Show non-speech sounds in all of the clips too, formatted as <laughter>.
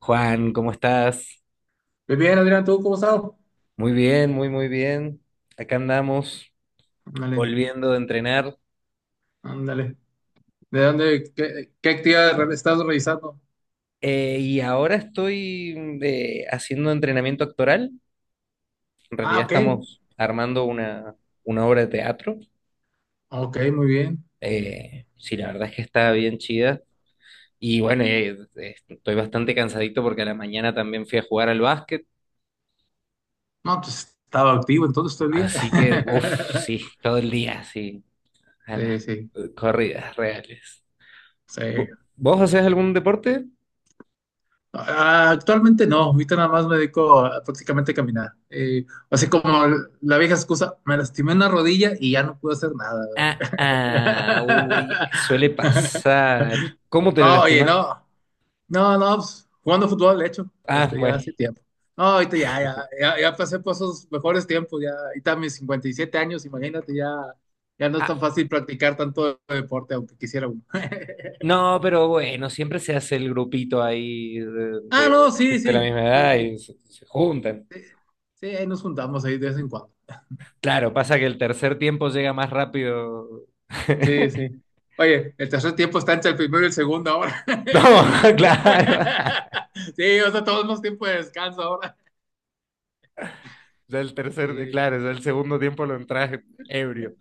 Juan, ¿cómo estás? Muy bien, Adrián, ¿tú cómo estás? Muy bien, muy, muy bien. Acá andamos Ándale, volviendo de entrenar. ándale. ¿De dónde, qué actividad estás realizando? Y ahora estoy haciendo entrenamiento actoral. En Ah, realidad ok, estamos armando una obra de teatro. ok, muy bien. Sí, la verdad es que está bien chida. Y bueno, estoy bastante cansadito porque a la mañana también fui a jugar al básquet. No, pues estaba activo entonces todo el día. Así que, uff, <laughs> sí, todo el día, sí, a las Sí, sí, corridas reales. sí. ¿Vos hacés algún deporte? Ah, actualmente no, ahorita nada más me dedico a prácticamente a caminar. Así como la vieja excusa, me lastimé una rodilla y ya no pude hacer nada. Ah, ah, uy, es que suele <laughs> pasar. ¿Y cómo te la No, oye, lastimaste? no. No, no, pues, jugando fútbol, de hecho, Ah, este, ya bueno. hace tiempo. No, ahorita ya, ya, ya, ya pasé por esos mejores tiempos, ya, ahorita mis 57 años, imagínate, ya, ya no es tan Ah, fácil practicar tanto deporte, aunque quisiera uno. <laughs> no, pero bueno, siempre se hace el grupito ahí Ah, no, sí, de la sí, misma sí, edad sí, y se juntan. sí, sí, ahí nos juntamos ahí de vez en cuando. Claro, pasa que el tercer tiempo llega más rápido. Sí, <laughs> sí. Oye, el tercer tiempo está entre el primero y el segundo ahora. No, <laughs> <laughs> claro. Sí, o sea, todos más tiempo de descanso ahora. Ya el tercer, Sí, claro, ya el segundo tiempo lo entras ebrio.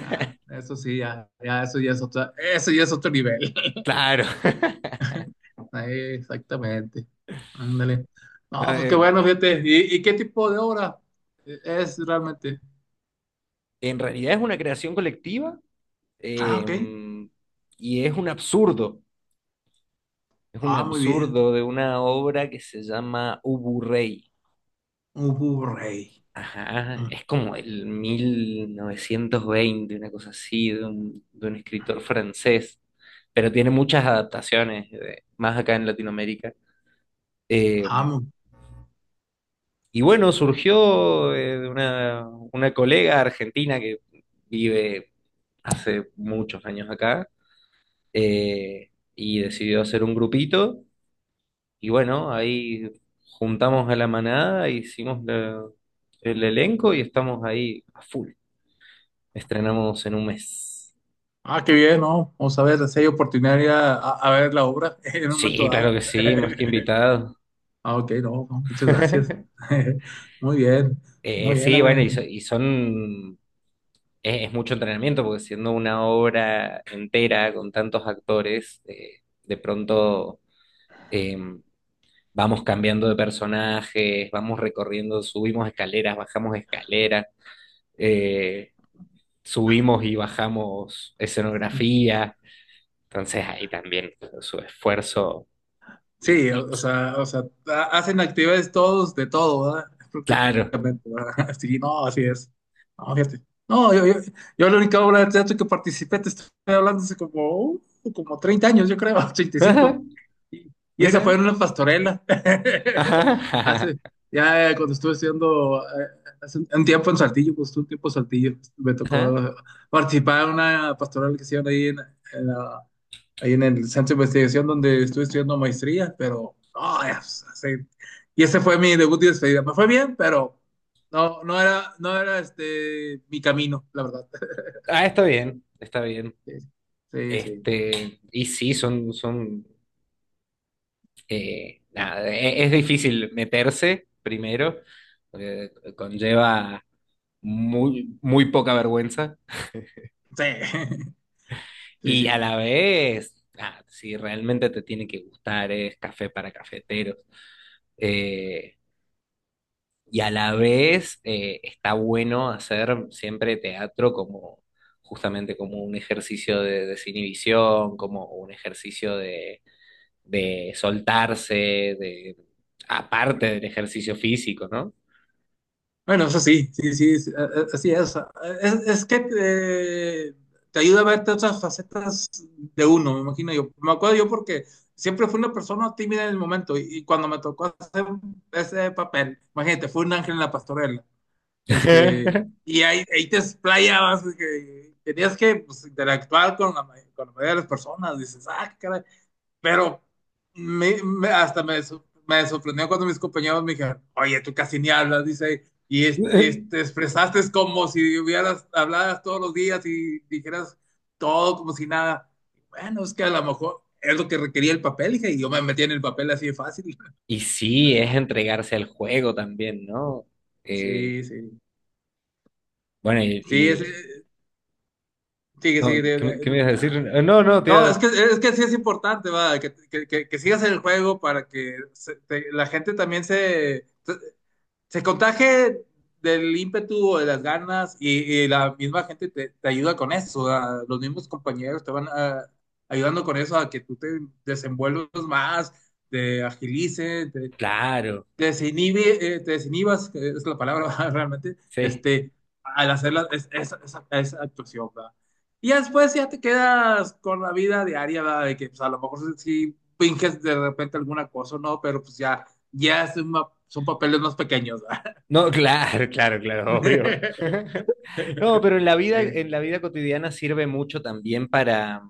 ah, eso sí, ya, ya, eso ya es otro, eso ya es otro nivel. Claro. Ahí, exactamente. Ándale. No, No, pues qué bueno, fíjate. Y qué tipo de obra es realmente? En realidad es una creación colectiva, Ah, eh, ok. y es un absurdo. Es un Ah, muy bien. absurdo de una obra que se llama Ubu Rey. Un Blu-ray. Ajá, Mm. es como el 1920, una cosa así, de de un escritor francés, pero tiene muchas adaptaciones, más acá en Latinoamérica. Eh, Ah, mu- y bueno, surgió de una colega argentina que vive hace muchos años acá, eh, y decidió hacer un grupito. Y bueno, ahí juntamos a la manada, el elenco y estamos ahí a full. Estrenamos en un mes. ah, qué bien, ¿no? Vamos a ver si hay oportunidad de ir a, a ver la obra <laughs> en un Sí, momento claro dado. que sí, más que <laughs> invitado. Ah, ok, no, no, muchas gracias. <laughs> <laughs> Muy bien, muy bien, Sí, bueno, Adrián. y son... es mucho entrenamiento porque siendo una obra entera con tantos actores, de pronto eh, vamos cambiando de personajes, vamos recorriendo, subimos escaleras, bajamos escaleras, eh, subimos y bajamos escenografía, entonces ahí también su esfuerzo Sí, intenso. O sea, hacen actividades todos de todo, ¿verdad? Claro. Prácticamente, ¿verdad? <laughs> Sí, no, así es. No, fíjate. No, yo la única obra de teatro que participé, te estoy hablando hace como, como 30 años, yo creo, <laughs> 35. <laughs> Y, cinco. Y esa fue Mira. en una pastorela. Ajá, <laughs> Hace, ajá. ya cuando estuve estudiando, hace un tiempo en Saltillo, pues un tiempo en Saltillo, me tocó Ajá. Participar en una pastoral que hicieron ahí en, ahí en el centro de investigación donde estuve estudiando maestría, pero no, y ese fue mi debut y despedida. Me fue bien, pero no, no era, no era este mi camino, la verdad. <laughs> Ah, está bien, está bien. Sí, sí, sí, Este, y sí, son, nada, es difícil meterse primero, porque conlleva muy, muy poca vergüenza. sí, <laughs> sí, Y a sí. la vez, ah, si realmente te tiene que gustar, es café para cafeteros. Eh, Y a la vez, está bueno hacer siempre teatro como justamente como un ejercicio de desinhibición, como un ejercicio de soltarse, de, aparte del ejercicio físico, ¿no? Bueno, eso sí, sí, sí, sí, así es. Es que te ayuda a verte otras facetas de uno, me imagino yo. Me acuerdo yo porque siempre fui una persona tímida en el momento y cuando me tocó hacer ese papel, imagínate, fue un ángel en la pastorela. Este, <laughs> y ahí, ahí te explayabas, que tenías que pues, interactuar con la, con la mayoría de las personas, dices, ah, qué caray. Pero hasta me, me sorprendió cuando mis compañeros me dijeron, oye, tú casi ni hablas, dice, y te expresaste como si hubieras habladas todos los días y dijeras todo como si nada. Bueno, es que a lo mejor es lo que requería el papel, dije, y yo me metí en el papel así de fácil. <laughs> Y sí, es entregarse al juego también, ¿no? Sí, Eh, sí, bueno, sí, es, sigue, no, sigue, qué me ibas a decir? No, no, te no, iba... es que sí es importante, va, que, que sigas en el juego para que la gente también se contagie del ímpetu, o de las ganas, y la misma gente te, te ayuda con eso, ¿va? Los mismos compañeros te van ayudando con eso a que tú te desenvuelvas más, te agilices, Claro, te desinhibe, te desinhibas, que es la palabra <laughs> realmente, sí. este, al hacer esa, esa actuación, ¿verdad? Y ya después ya te quedas con la vida diaria, ¿verdad? De que pues, a lo mejor si finges de repente alguna cosa, ¿no? Pero pues ya, ya es una- son papeles más pequeños, ¿verdad? No, <laughs> claro, claro, claro, obvio. <laughs> <laughs> No, pero Sí, en la vida cotidiana sirve mucho también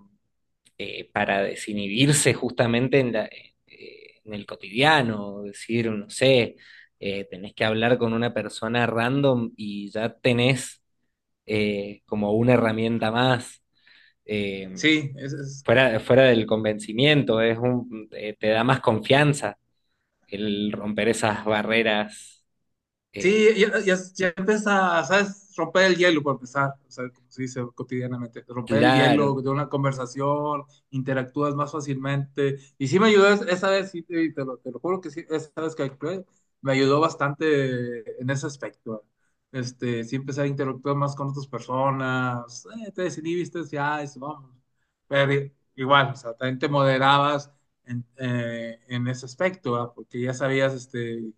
para desinhibirse justamente en en el cotidiano, decir, no sé, tenés que hablar con una persona random y ya tenés como una herramienta más, eh, sí, es fuera del convencimiento, es un, te da más confianza el romper esas barreras. sí, eh, ya, ya empieza, ¿sabes? Romper el hielo para empezar, o sea, como se dice cotidianamente, romper el Claro. hielo de una conversación, interactúas más fácilmente. Y sí me ayudó esa vez, sí, te, te lo juro que sí, esa vez que actué, me ayudó bastante en ese aspecto. Este, sí empecé a interactuar más con otras personas, te desinhibiste, ya, eso, vamos. Pero igual, o sea, también te moderabas en ese aspecto, ¿verdad? Porque ya sabías, este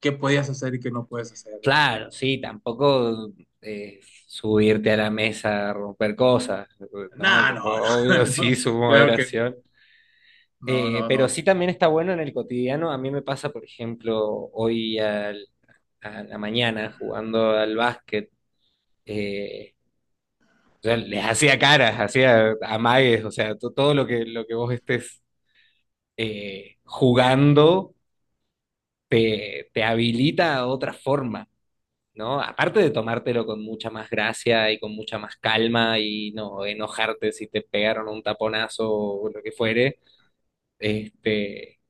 qué podías hacer y qué no puedes hacer, ¿verdad? Claro, sí, tampoco eh, subirte a la mesa a romper cosas, ¿no? No, Como... no, Obvio, <laughs> <laughs> no, sí, no, su claro que moderación. no, no, no, Pero no, sí también está bueno en el cotidiano. A mí me pasa, por ejemplo, a la mañana jugando al básquet, eh, yo les hacía caras, hacía amagues, o sea, todo lo que vos estés jugando te habilita a otra forma. ¿No? Aparte de tomártelo con mucha más gracia y con mucha más calma y no enojarte si te pegaron un taponazo o lo que fuere, este,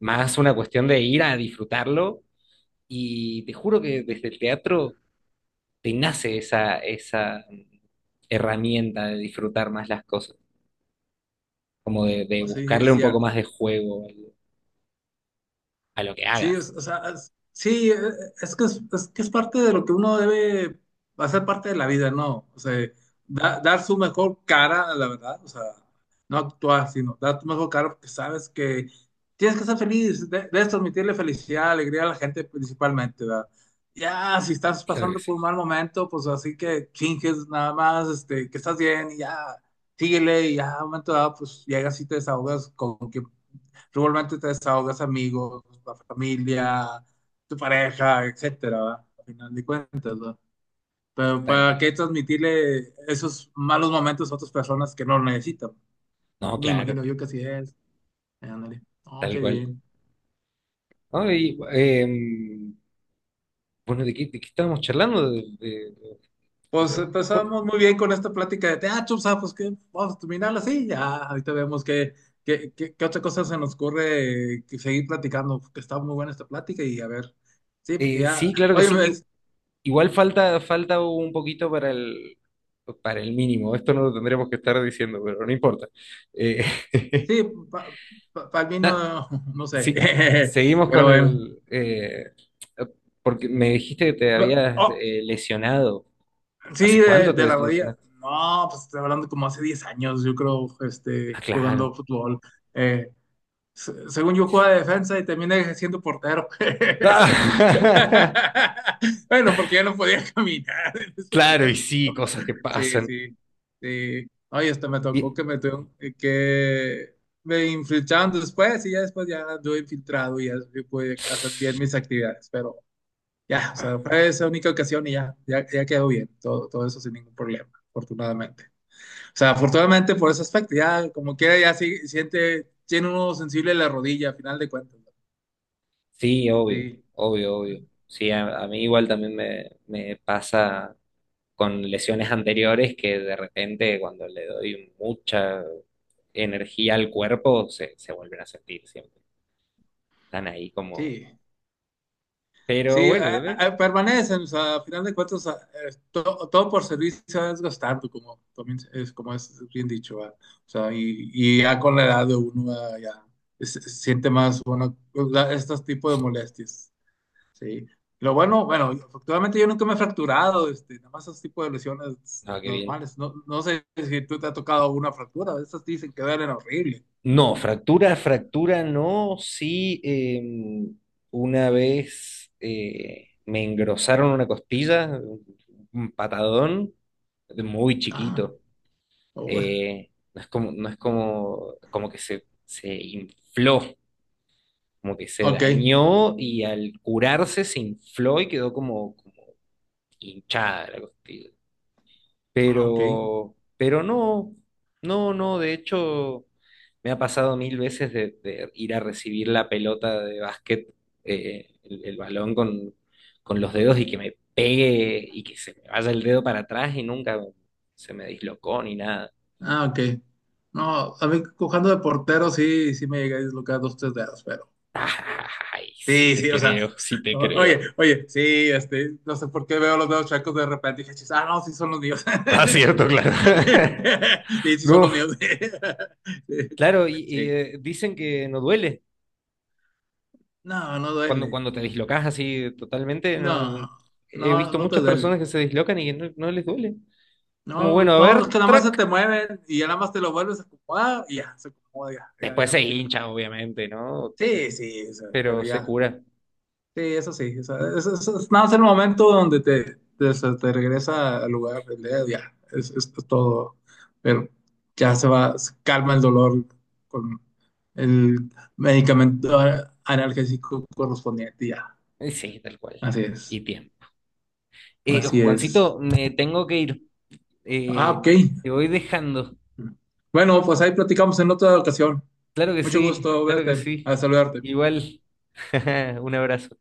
más una cuestión de ir a disfrutarlo, y te juro que desde el teatro te nace esa herramienta de disfrutar más las cosas, como de no, sí, buscarle es un poco cierto. más de juego a lo que Sí, hagas. o sea, sí, es que es parte de lo que uno debe hacer parte de la vida, ¿no? O sea, dar su mejor cara, la verdad, o sea, no actuar, sino dar tu mejor cara porque sabes que tienes que ser feliz, debes transmitirle felicidad, alegría a la gente principalmente, ¿verdad? Ya, si estás Claro que pasando sí, por un mal momento, pues así que finges nada más, este, que estás bien y ya, síguele y ya, a un momento dado, pues llegas y te desahogas con quien regularmente te desahogas, amigos, la familia, tu pareja, etcétera, ¿verdad? Al final de cuentas, ¿verdad? Pero tal ¿para cual. qué transmitirle esos malos momentos a otras personas que no lo necesitan? No, Me claro, imagino yo que así es. Ándale. Oh, tal qué cual. bien. Ay, bueno, de qué estábamos charlando? De- Pues de- de- por- empezamos muy bien con esta plática de teatro, ¿sabes? Pues que vamos a terminarla así, ya, ahorita vemos qué, qué otra cosa se nos ocurre que seguir platicando, que está muy buena esta plática y a ver, sí, porque ya, sí, claro que oye, sí. me- I- Igual falta un poquito para para el mínimo. Esto no lo tendremos que estar diciendo, pero no importa. Eh, <laughs> sí, para el vino, na- no no sé, sí, <laughs> seguimos pero con bueno. el... porque me dijiste que te habías Oh, lesionado. sí, ¿Hace cuánto te de la rodilla. lesionaste? No, pues estoy hablando como hace 10 años, yo creo, Ah, este, claro. jugando fútbol. Eh, Según yo jugaba de defensa y terminé siendo portero. <laughs> Bueno, porque ya no podía <laughs> caminar en <laughs> ese Claro, y tiempo. sí, cosas que Sí, pasan. sí, sí. Ay, hasta me tocó Y... que me tuvieron que me infiltraron después y ya después ya anduve infiltrado y ya sí pude hacer bien mis actividades, pero ya, o sea, fue esa única ocasión y ya, ya, ya quedó bien, todo, todo eso sin ningún problema, afortunadamente. O sea, afortunadamente por ese aspecto, ya como quiera, ya sí, siente, tiene uno sensible la rodilla, a final de cuentas. ¿No? Sí, obvio, Sí, obvio, obvio. Sí, a mí igual también me pasa con lesiones <laughs> anteriores que de repente cuando le doy mucha energía al cuerpo se vuelven a sentir siempre. Están ahí como... sí. Pero Sí, bueno, también... permanecen, o sea, a final de cuentas, todo por servicio es gastando, como también es, como es bien dicho, ¿va? O sea, y ya con la edad de uno ya se siente más, bueno, pues, estos tipos de molestias, ¿sí? Lo bueno, bueno, afortunadamente yo nunca me he fracturado, este, nada más esos tipos de lesiones No, qué bien. normales. No, no sé si tú te ha tocado una fractura, esas dicen que duelen horrible. No, fractura, fractura no. Sí, una vez me engrosaron una costilla, un patadón, muy Ah, chiquito. oh, Eh, no es como, no es como, como que se infló, como que se ok, dañó y al curarse se infló y quedó como, como hinchada la costilla. ah, ok. Pero no, no, no, de hecho me ha pasado mil veces de ir a recibir la pelota de básquet, el balón con los dedos y que me pegue y que se me vaya el dedo para atrás y nunca se me dislocó ni nada. Ah, ok. No, a mí cojando de portero sí, sí me llegué a dislocar dos, tres dedos, pero. Ay, sí Sí, te sí, o sea, creo, sí te creo. oye, oye, sí, este, no sé por qué veo los dedos chacos de repente y dije, "Chis, ah, no, sí son los míos". Ah, <laughs> cierto, claro. <laughs> Sí, sí son los No. míos. <laughs> Sí. Claro, y, Sí. Dicen que no duele No, no cuando, duele. cuando te dislocas así totalmente. No, No, he no, visto no te muchas duele. personas que se dislocan y que no, no les duele. Como No, bueno, a no, es ver, que nada más se track. te mueven y ya nada más te lo vuelves a acomodar y ya, se acomoda, ya, ya, Después ya se no tienes. hincha, obviamente, ¿no? Pe- Sí, sí, o sea, pero Pero se ya. cura. Sí, eso sí. O sea, eso es, nada más el momento donde te, se te regresa al lugar, el dedo, ya, es todo. Pero ya se va, se calma el dolor con el medicamento analgésico correspondiente, ya. Sí, tal cual. Así Y es, bien. Así es. Juancito, me tengo que ir. Ah, Eh, ok. te voy dejando. Bueno, pues ahí platicamos en otra ocasión. Claro que Mucho sí, gusto claro que verte, sí. a saludarte. Igual. <laughs> Un abrazo.